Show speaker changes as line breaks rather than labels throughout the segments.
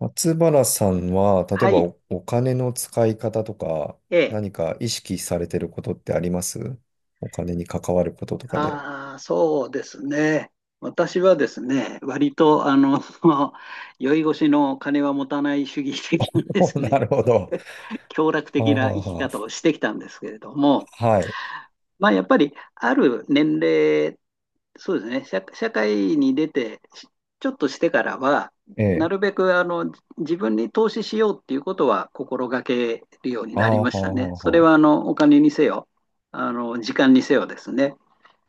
松原さんは、例え
は
ば
い。
お金の使い方とか、
ええ。
何か意識されてることってあります？お金に関わることとかで。
ああ、そうですね。私はですね、割と、酔い越しの金は持たない主義的な で
お、
す
な
ね、
るほど。
享楽
は
的
あ、
な
はあ
生き方
は
をしてきたんですけれども、
あ、はい。
まあ、やっぱり、ある年齢、そうですね、社会に出て、ちょっとしてからは、
え
な
え。
るべく、自分に投資しようっていうことは心がけるように
あ
なり
あ、は
ま
あ、
したね。
はあ、
それ
は
は、お金にせよ、時間にせよですね。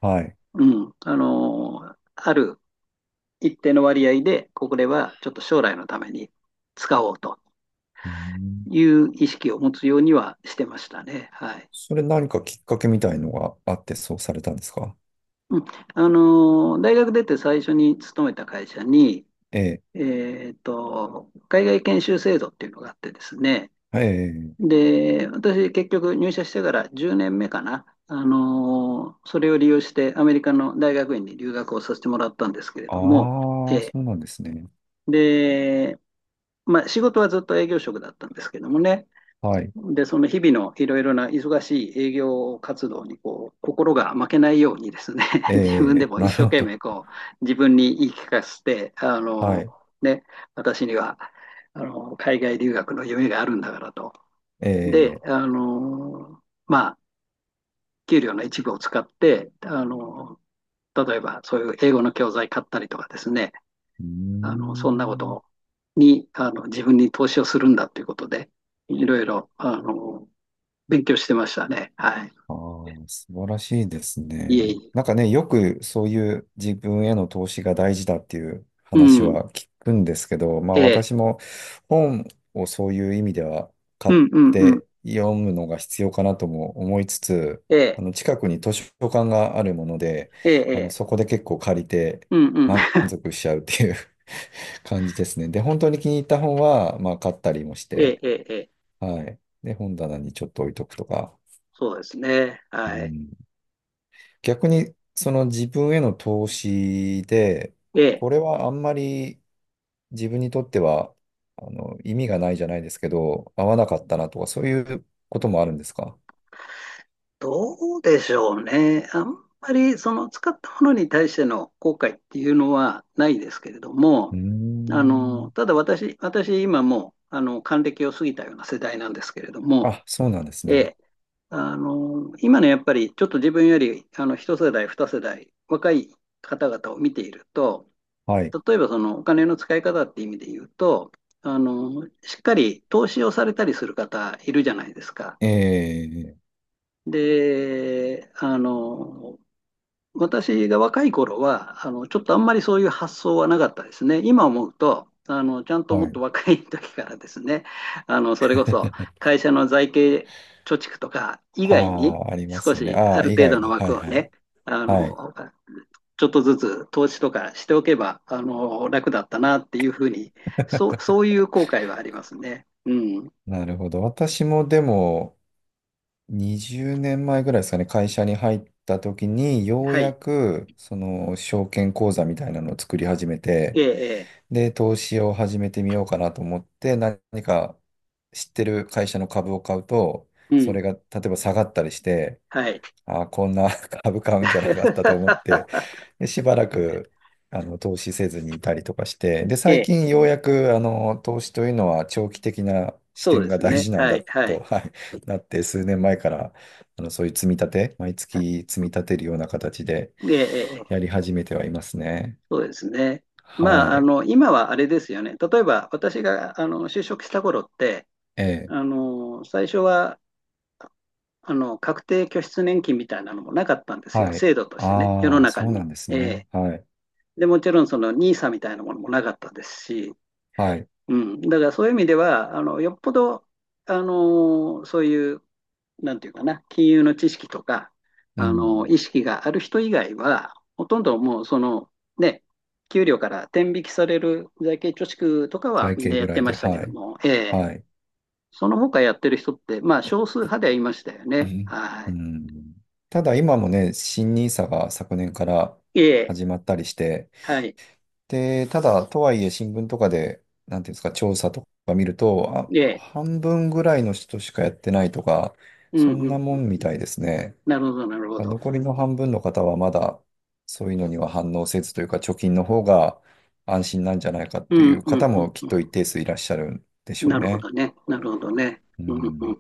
あ。はい。
ある一定の割合で、これはちょっと将来のために使おうと
うーん。
いう意識を持つようにはしてましたね。はい。
それ何かきっかけみたいのがあってそうされたんですか？
うん、大学出て最初に勤めた会社に、
ええ。
海外研修制度っていうのがあってですね。
ええ。
で、私結局入社してから10年目かな。それを利用してアメリカの大学院に留学をさせてもらったんですけれども、え
ああ、そ
ー
うなんですね。
で、まあ、仕事はずっと営業職だったんですけどもね。
はい。
で、その日々のいろいろな忙しい営業活動にこう心が負けないようにですね、
え
自分で
え、
も一
な
生
るほ
懸
ど。
命こう自分に言い聞かせて、
はい。
ね、私には海外留学の夢があるんだからと。
え
で、
え。
あのまあ、給料の一部を使って、例えばそういう英語の教材買ったりとかですね、
うー
そんなこ
ん。
とに、自分に投資をするんだということで、いろいろ、勉強してましたね。はい。
ああ、素晴らしいです
いえ
ね。
いえ。
なんかね、よくそういう自分への投資が大事だっていう
う
話
ん。
は聞くんですけど、まあ
ええ。
私も本をそういう意味では買
う
っ
んうんうん。
て読むのが必要かなとも思いつつ、
え
あ
え。
の近くに図書館があるもので、
ええ。
あの
ええ
そこで結構借りて
うんうん。
満足しちゃうっていう 感じですね。で、本当に気に入った本は、まあ買ったりもし
ええ。
て、
ええ。ええ
はい。で、本棚にちょっと置いとくとか。
そうですね。
う
はい。
ん。逆に、その自分への投資で、
ええ。
これはあんまり自分にとっては、あの、意味がないじゃないですけど、合わなかったなとか、そういうこともあるんですか？
どうでしょうね。あんまり、その、使ったものに対しての後悔っていうのはないですけれど
う
も、
ーん。
ただ私、今もう、還暦を過ぎたような世代なんですけれども、
あ、そうなんです
え
ね。
え、今のやっぱりちょっと自分より一世代、二世代若い方々を見ていると、
はい。
例えばそのお金の使い方って意味で言うと、しっかり投資をされたりする方いるじゃないですか。
ええ、
で、あの、私が若い頃は、ちょっとあんまりそういう発想はなかったですね。今思うと、ちゃんとも
は
っ
い。
と若い時からですね、それこそ 会社の財形貯蓄とか以
あ
外に
あ、ありま
少
すよね。
し
あ
あ
あ、
る
以
程
外
度の
に。は
枠
い
を
はい。
ね、あ
は
の、
い。
ちょっとずつ投資とかしておけば、楽だったなっていうふうに、そういう後悔はありますね。うん。
なるほど。私もでも、20年前ぐらいですかね、会社に入った時に、よう
は
や
い。
く、その、証券口座みたいなのを作り始め
え
て、
え、
で、投資を始めてみようかなと思って、何か知ってる会社の株を買うと、
ええう
それ
ん。
が、例えば下がったりして、
はい。
ああ、こんな 株買うんじゃなかったと思って、で、しばらく、あの、投資せずにいたりとかして、で、
え
最
え、
近ようやく、あの、投資というのは長期的な視
そう
点
で
が
す
大
ね。
事なん
は
だ
い、は
と、
い。
はい、なって、数年前から、あの、そういう積み立て、毎月積み立てるような形で
ええ、
やり始めてはいますね。
そうですね。
は
まあ、
い。
今はあれですよね。例えば、私が、就職した頃って、
ええ。
あの、最初は、あの、確定拠出年金みたいなのもなかったんですよ。
はい。
制度としてね、世の
ああ、
中
そうな
に。
んです
え
ね。
え
はい。
で、もちろん、その、n i s みたいなものもなかったですし、
はい。
うん。だから、そういう意味では、よっぽど、あの、そういうなんていうかな、金融の知識とか、
うん。
意識がある人以外は、ほとんどもうその、ね、給料から天引きされる財形貯蓄とかは
財
みんな
形ぐ
やっ
ら
て
い
ま
で、
したけ
は
ど
い。
も、ええ
はい。
その他やってる人って、まあ少数派ではいましたよ
う
ね。
ん。う
は
ん。ただ今もね、新ニーサが昨年から
い。ええ、
始まったりして、
はい。
で、ただ、とはいえ新聞とかで、なんていうんですか、調査とか見ると、あ、
ええ、
半分ぐらいの人しかやってないとか、
う
そん
ん
な
う
も
ん。
んみたいですね。
なるほど、なるほ
あ、
ど。
残りの半分の方はまだ、そういうのには反応せずというか、貯金の方が安心なんじゃないか
う
とい
ん
う
う
方
ん
もき
う
っ
ん
と一
う
定数いらっしゃるんでし
ん。
ょう
なるほ
ね。
どね。なるほどね。
う
うんうんう
ん、
ん。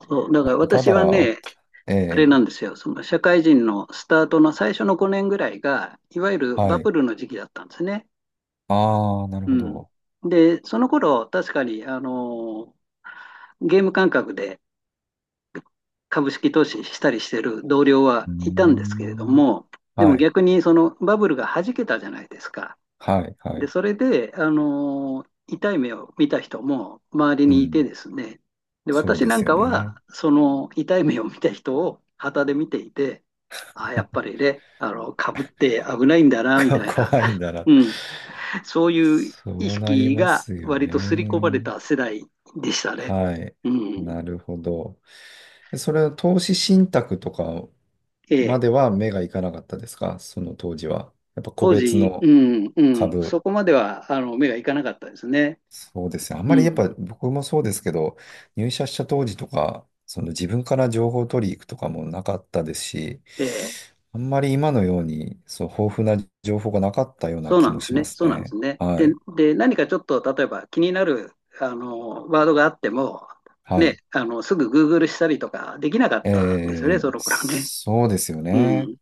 そう、だから
た
私
だ、
は
わ、
ね、
え
あれなんで
え、
すよ、その社会人のスタートの最初の5年ぐらいが、いわゆる
は
バブ
い。
ルの時期だったんですね。
ああ、なる
う
ほ
ん、
ど。
で、その頃確かにゲーム感覚で株式投資したりしてる同僚は
うー
いたんですけれど
ん、
も、でも
はい、
逆にそのバブルが弾けたじゃないですか。
はい、は
で、
い。
それで、痛い目を見た人も周り
う
にいて
ん、
ですね、で、
そう
私
で
な
す
ん
よ
かは、
ね。
その痛い目を見た人を旗で見ていて、あ、やっぱりね、かぶって危ないんだ な、み
か
たいな、
怖いんだ な。
うん、そういう
そ
意
うなり
識
ま
が
すよ
割と刷り込まれ
ね。
た世代でしたね。
はい。
うん、
なるほど。それは投資信託とか
え
ま
え、
では目がいかなかったですか？その当時は。やっぱ個
当
別
時、う
の
ん、うん、そ
株。
こまでは、目がいかなかったですね。
そうですね。あん
う
まりやっ
ん、
ぱ僕もそうですけど、入社した当時とか、その自分から情報を取りに行くとかもなかったですし、
ええ。
あんまり今のように、そう、豊富な情報がなかったような
そう
気
なん
も
です
しま
ね。
す
そうなんです
ね。
ね。
は
で、
い。
で、何かちょっと、例えば気になる、ワードがあっても、
は
ね、
い。
すぐ Google したりとかできなかったんですよね、
え
そ
ー、
の頃ね。
そうですよ
う
ね。
ん。だ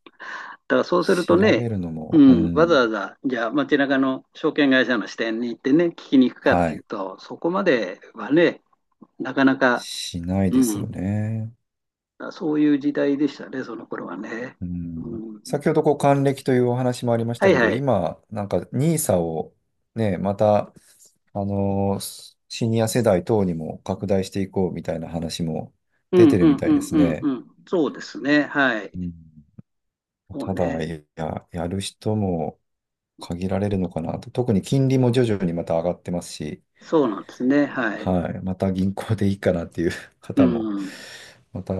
からそうすると
調
ね、
べるの
う
も、う
ん、わざ
ん、
わざ、じゃあ街中の証券会社の支店に行ってね、聞きに行くかっ
は
ていう
い、
と、そこまではね、なかなか、
しない
う
ですよ
ん、
ね。
そういう時代でしたね、その頃はね。
うん、
うん、
先ほどこう還暦というお話もありまし
は
た
い
けど、
はい。
今、なんかニーサをね、また、あのーシニア世代等にも拡大していこうみたいな話も
う
出
ん
てる
う
み
ん
た
う
い
ん
です
うん
ね。
うん。そうですね。は
う
い。
ん、
そう
た
ね。
だ、いや、やる人も限られるのかなと。特に金利も徐々にまた上がってますし、
そうなんですね。はい。
はい。また銀行でいいかなっていう
う
方も、
ん。
また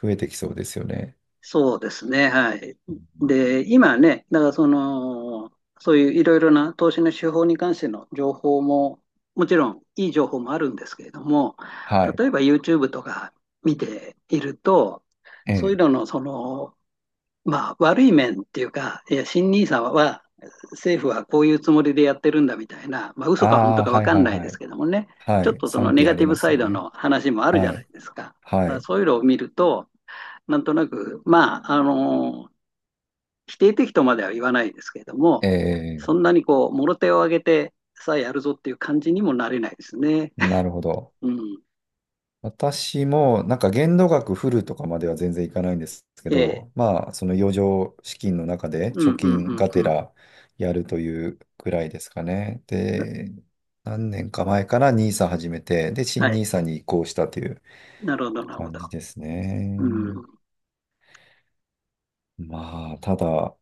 増えてきそうですよね。
そうですね。はい。
うん。
で、今ね、だからその、そういういろいろな投資の手法に関しての情報も、もちろんいい情報もあるんですけれども、
はい。
例えば YouTube とか見ていると、
え
そういう
え。
ののそのまあ、悪い面っていうか、いや、新 n i は、政府はこういうつもりでやってるんだみたいな、まあ、
あ
嘘か本当
あ、
か分
はい
かん
はい
ないで
は
す
い。
けどもね、
は
ちょっ
い。
とその
賛
ネ
否あ
ガテ
り
ィ
ま
ブサ
すよ
イド
ね。
の話もあるじゃ
は
ない
い。
ですか。
は
だから
い。
そういうのを見ると、なんとなく、まあ、否定的とまでは言わないですけれども、
え
そ
え、
んなにこう、もろ手を挙げてさあやるぞっていう感じにもなれないですね。
なるほ ど。
うん。
私も、なんか限度額フルとかまでは全然いかないんですけ
ええ。
ど、まあ、その余剰資金の中で
う
貯
んうんう
金
ん
がて
うん。
らやるというくらいですかね。で、何年か前からニーサ始めて、で、
は
新ニ
い。
ーサに移行したという
なるほど、なるほ
感
ど。
じです
う
ね。
ん。
まあ、ただ、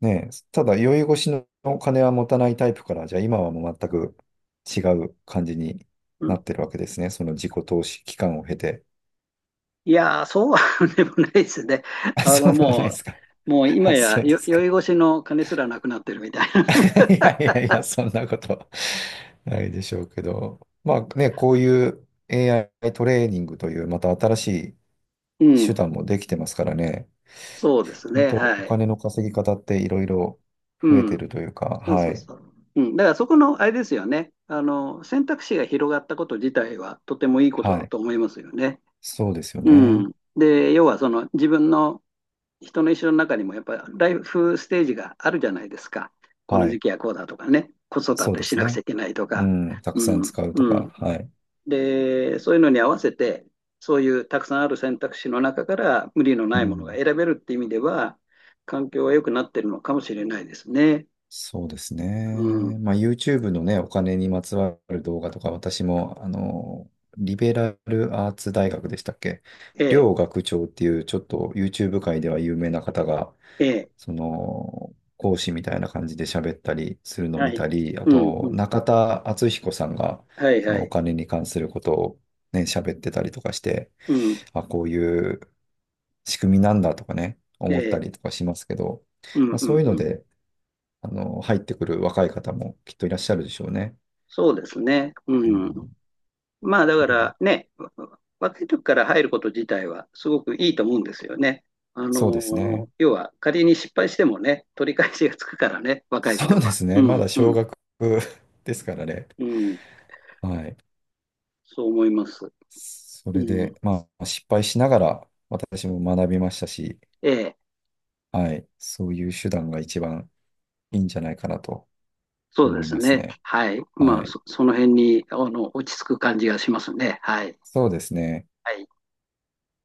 ね、ただ、宵越しのお金は持たないタイプから、じゃあ今はもう全く違う感じにな
う
ってるわけですね。その自己投資期間を経て。
いやー、そうは でもないですね。
あ、
あ
そ
の、
うでもないで
も
すか。
う、もう 今
あ、
や
そうです
酔
か。
い 越しの金すらなくなってるみたいな。
いやいやいや、そんなこと ないでしょうけど。まあね、こういう AI トレーニングというまた新しい
う
手
ん。
段もできてますからね。
そうです
本
ね。
当お
はい。
金の稼ぎ方っていろいろ
う
増えて
ん。
るというか、
そう
は
そう
い。
そう。うん。だからそこの、あれですよね。選択肢が広がったこと自体はとてもいいこと
は
だ
い。
と思いますよね。
そうですよ
う
ね。
ん。で、要はその自分の人の一生の中にもやっぱりライフステージがあるじゃないですか。この
はい。
時期はこうだとかね。子育
そう
て
で
し
す
なくちゃ
ね。
いけないと
う
か。
ん。たく
う
さん
ん。
使うと
う
か。
ん。
はい。
で、そういうのに合わせて、そういうたくさんある選択肢の中から無理の
う
ないものが
ん。
選べるって意味では、環境は良くなってるのかもしれないですね。
そうです
う
ね。
ん。
まあ、YouTube のね、お金にまつわる動画とか、私も、あの、リベラルアーツ大学でしたっけ？
ええ、
両学長っていう、ちょっと YouTube 界では有名な方が、
ええ、
その、講師みたいな感じで喋ったりするのを
は
見
い。
たり、あ
うん、う
と、
ん。
中田敦彦さんが、
はい
そ
は
のお
い。
金に関することをね、喋ってたりとかして、
うん、
あ、こういう仕組みなんだとかね、
え
思った
え、
りとかしますけど、
う
ま
ん、
あ、
う
そう
ん、
いうの
うん。
で、あの、入ってくる若い方もきっといらっしゃるでしょうね。
そうですね。
う
うん。
ん。
まあだか
はい。
らね、若い時から入ること自体はすごくいいと思うんですよね。あの
そうです
ー
ね。
要は仮に失敗してもね、取り返しがつくからね、若い
そう
頃
で
は。
す
う
ね。ま
ん、
だ
う
小
ん、
学 ですからね。
うん。
はい。
そう思います。
そ
う
れ
ん、
で、まあ、失敗しながら私も学びましたし、
ええ、
はい。そういう手段が一番いいんじゃないかなと
そうで
思い
す
ます
ね。
ね。
はい。ま
は
あ、
い。
その辺に、落ち着く感じがしますね。はい。
そうですね。
はい。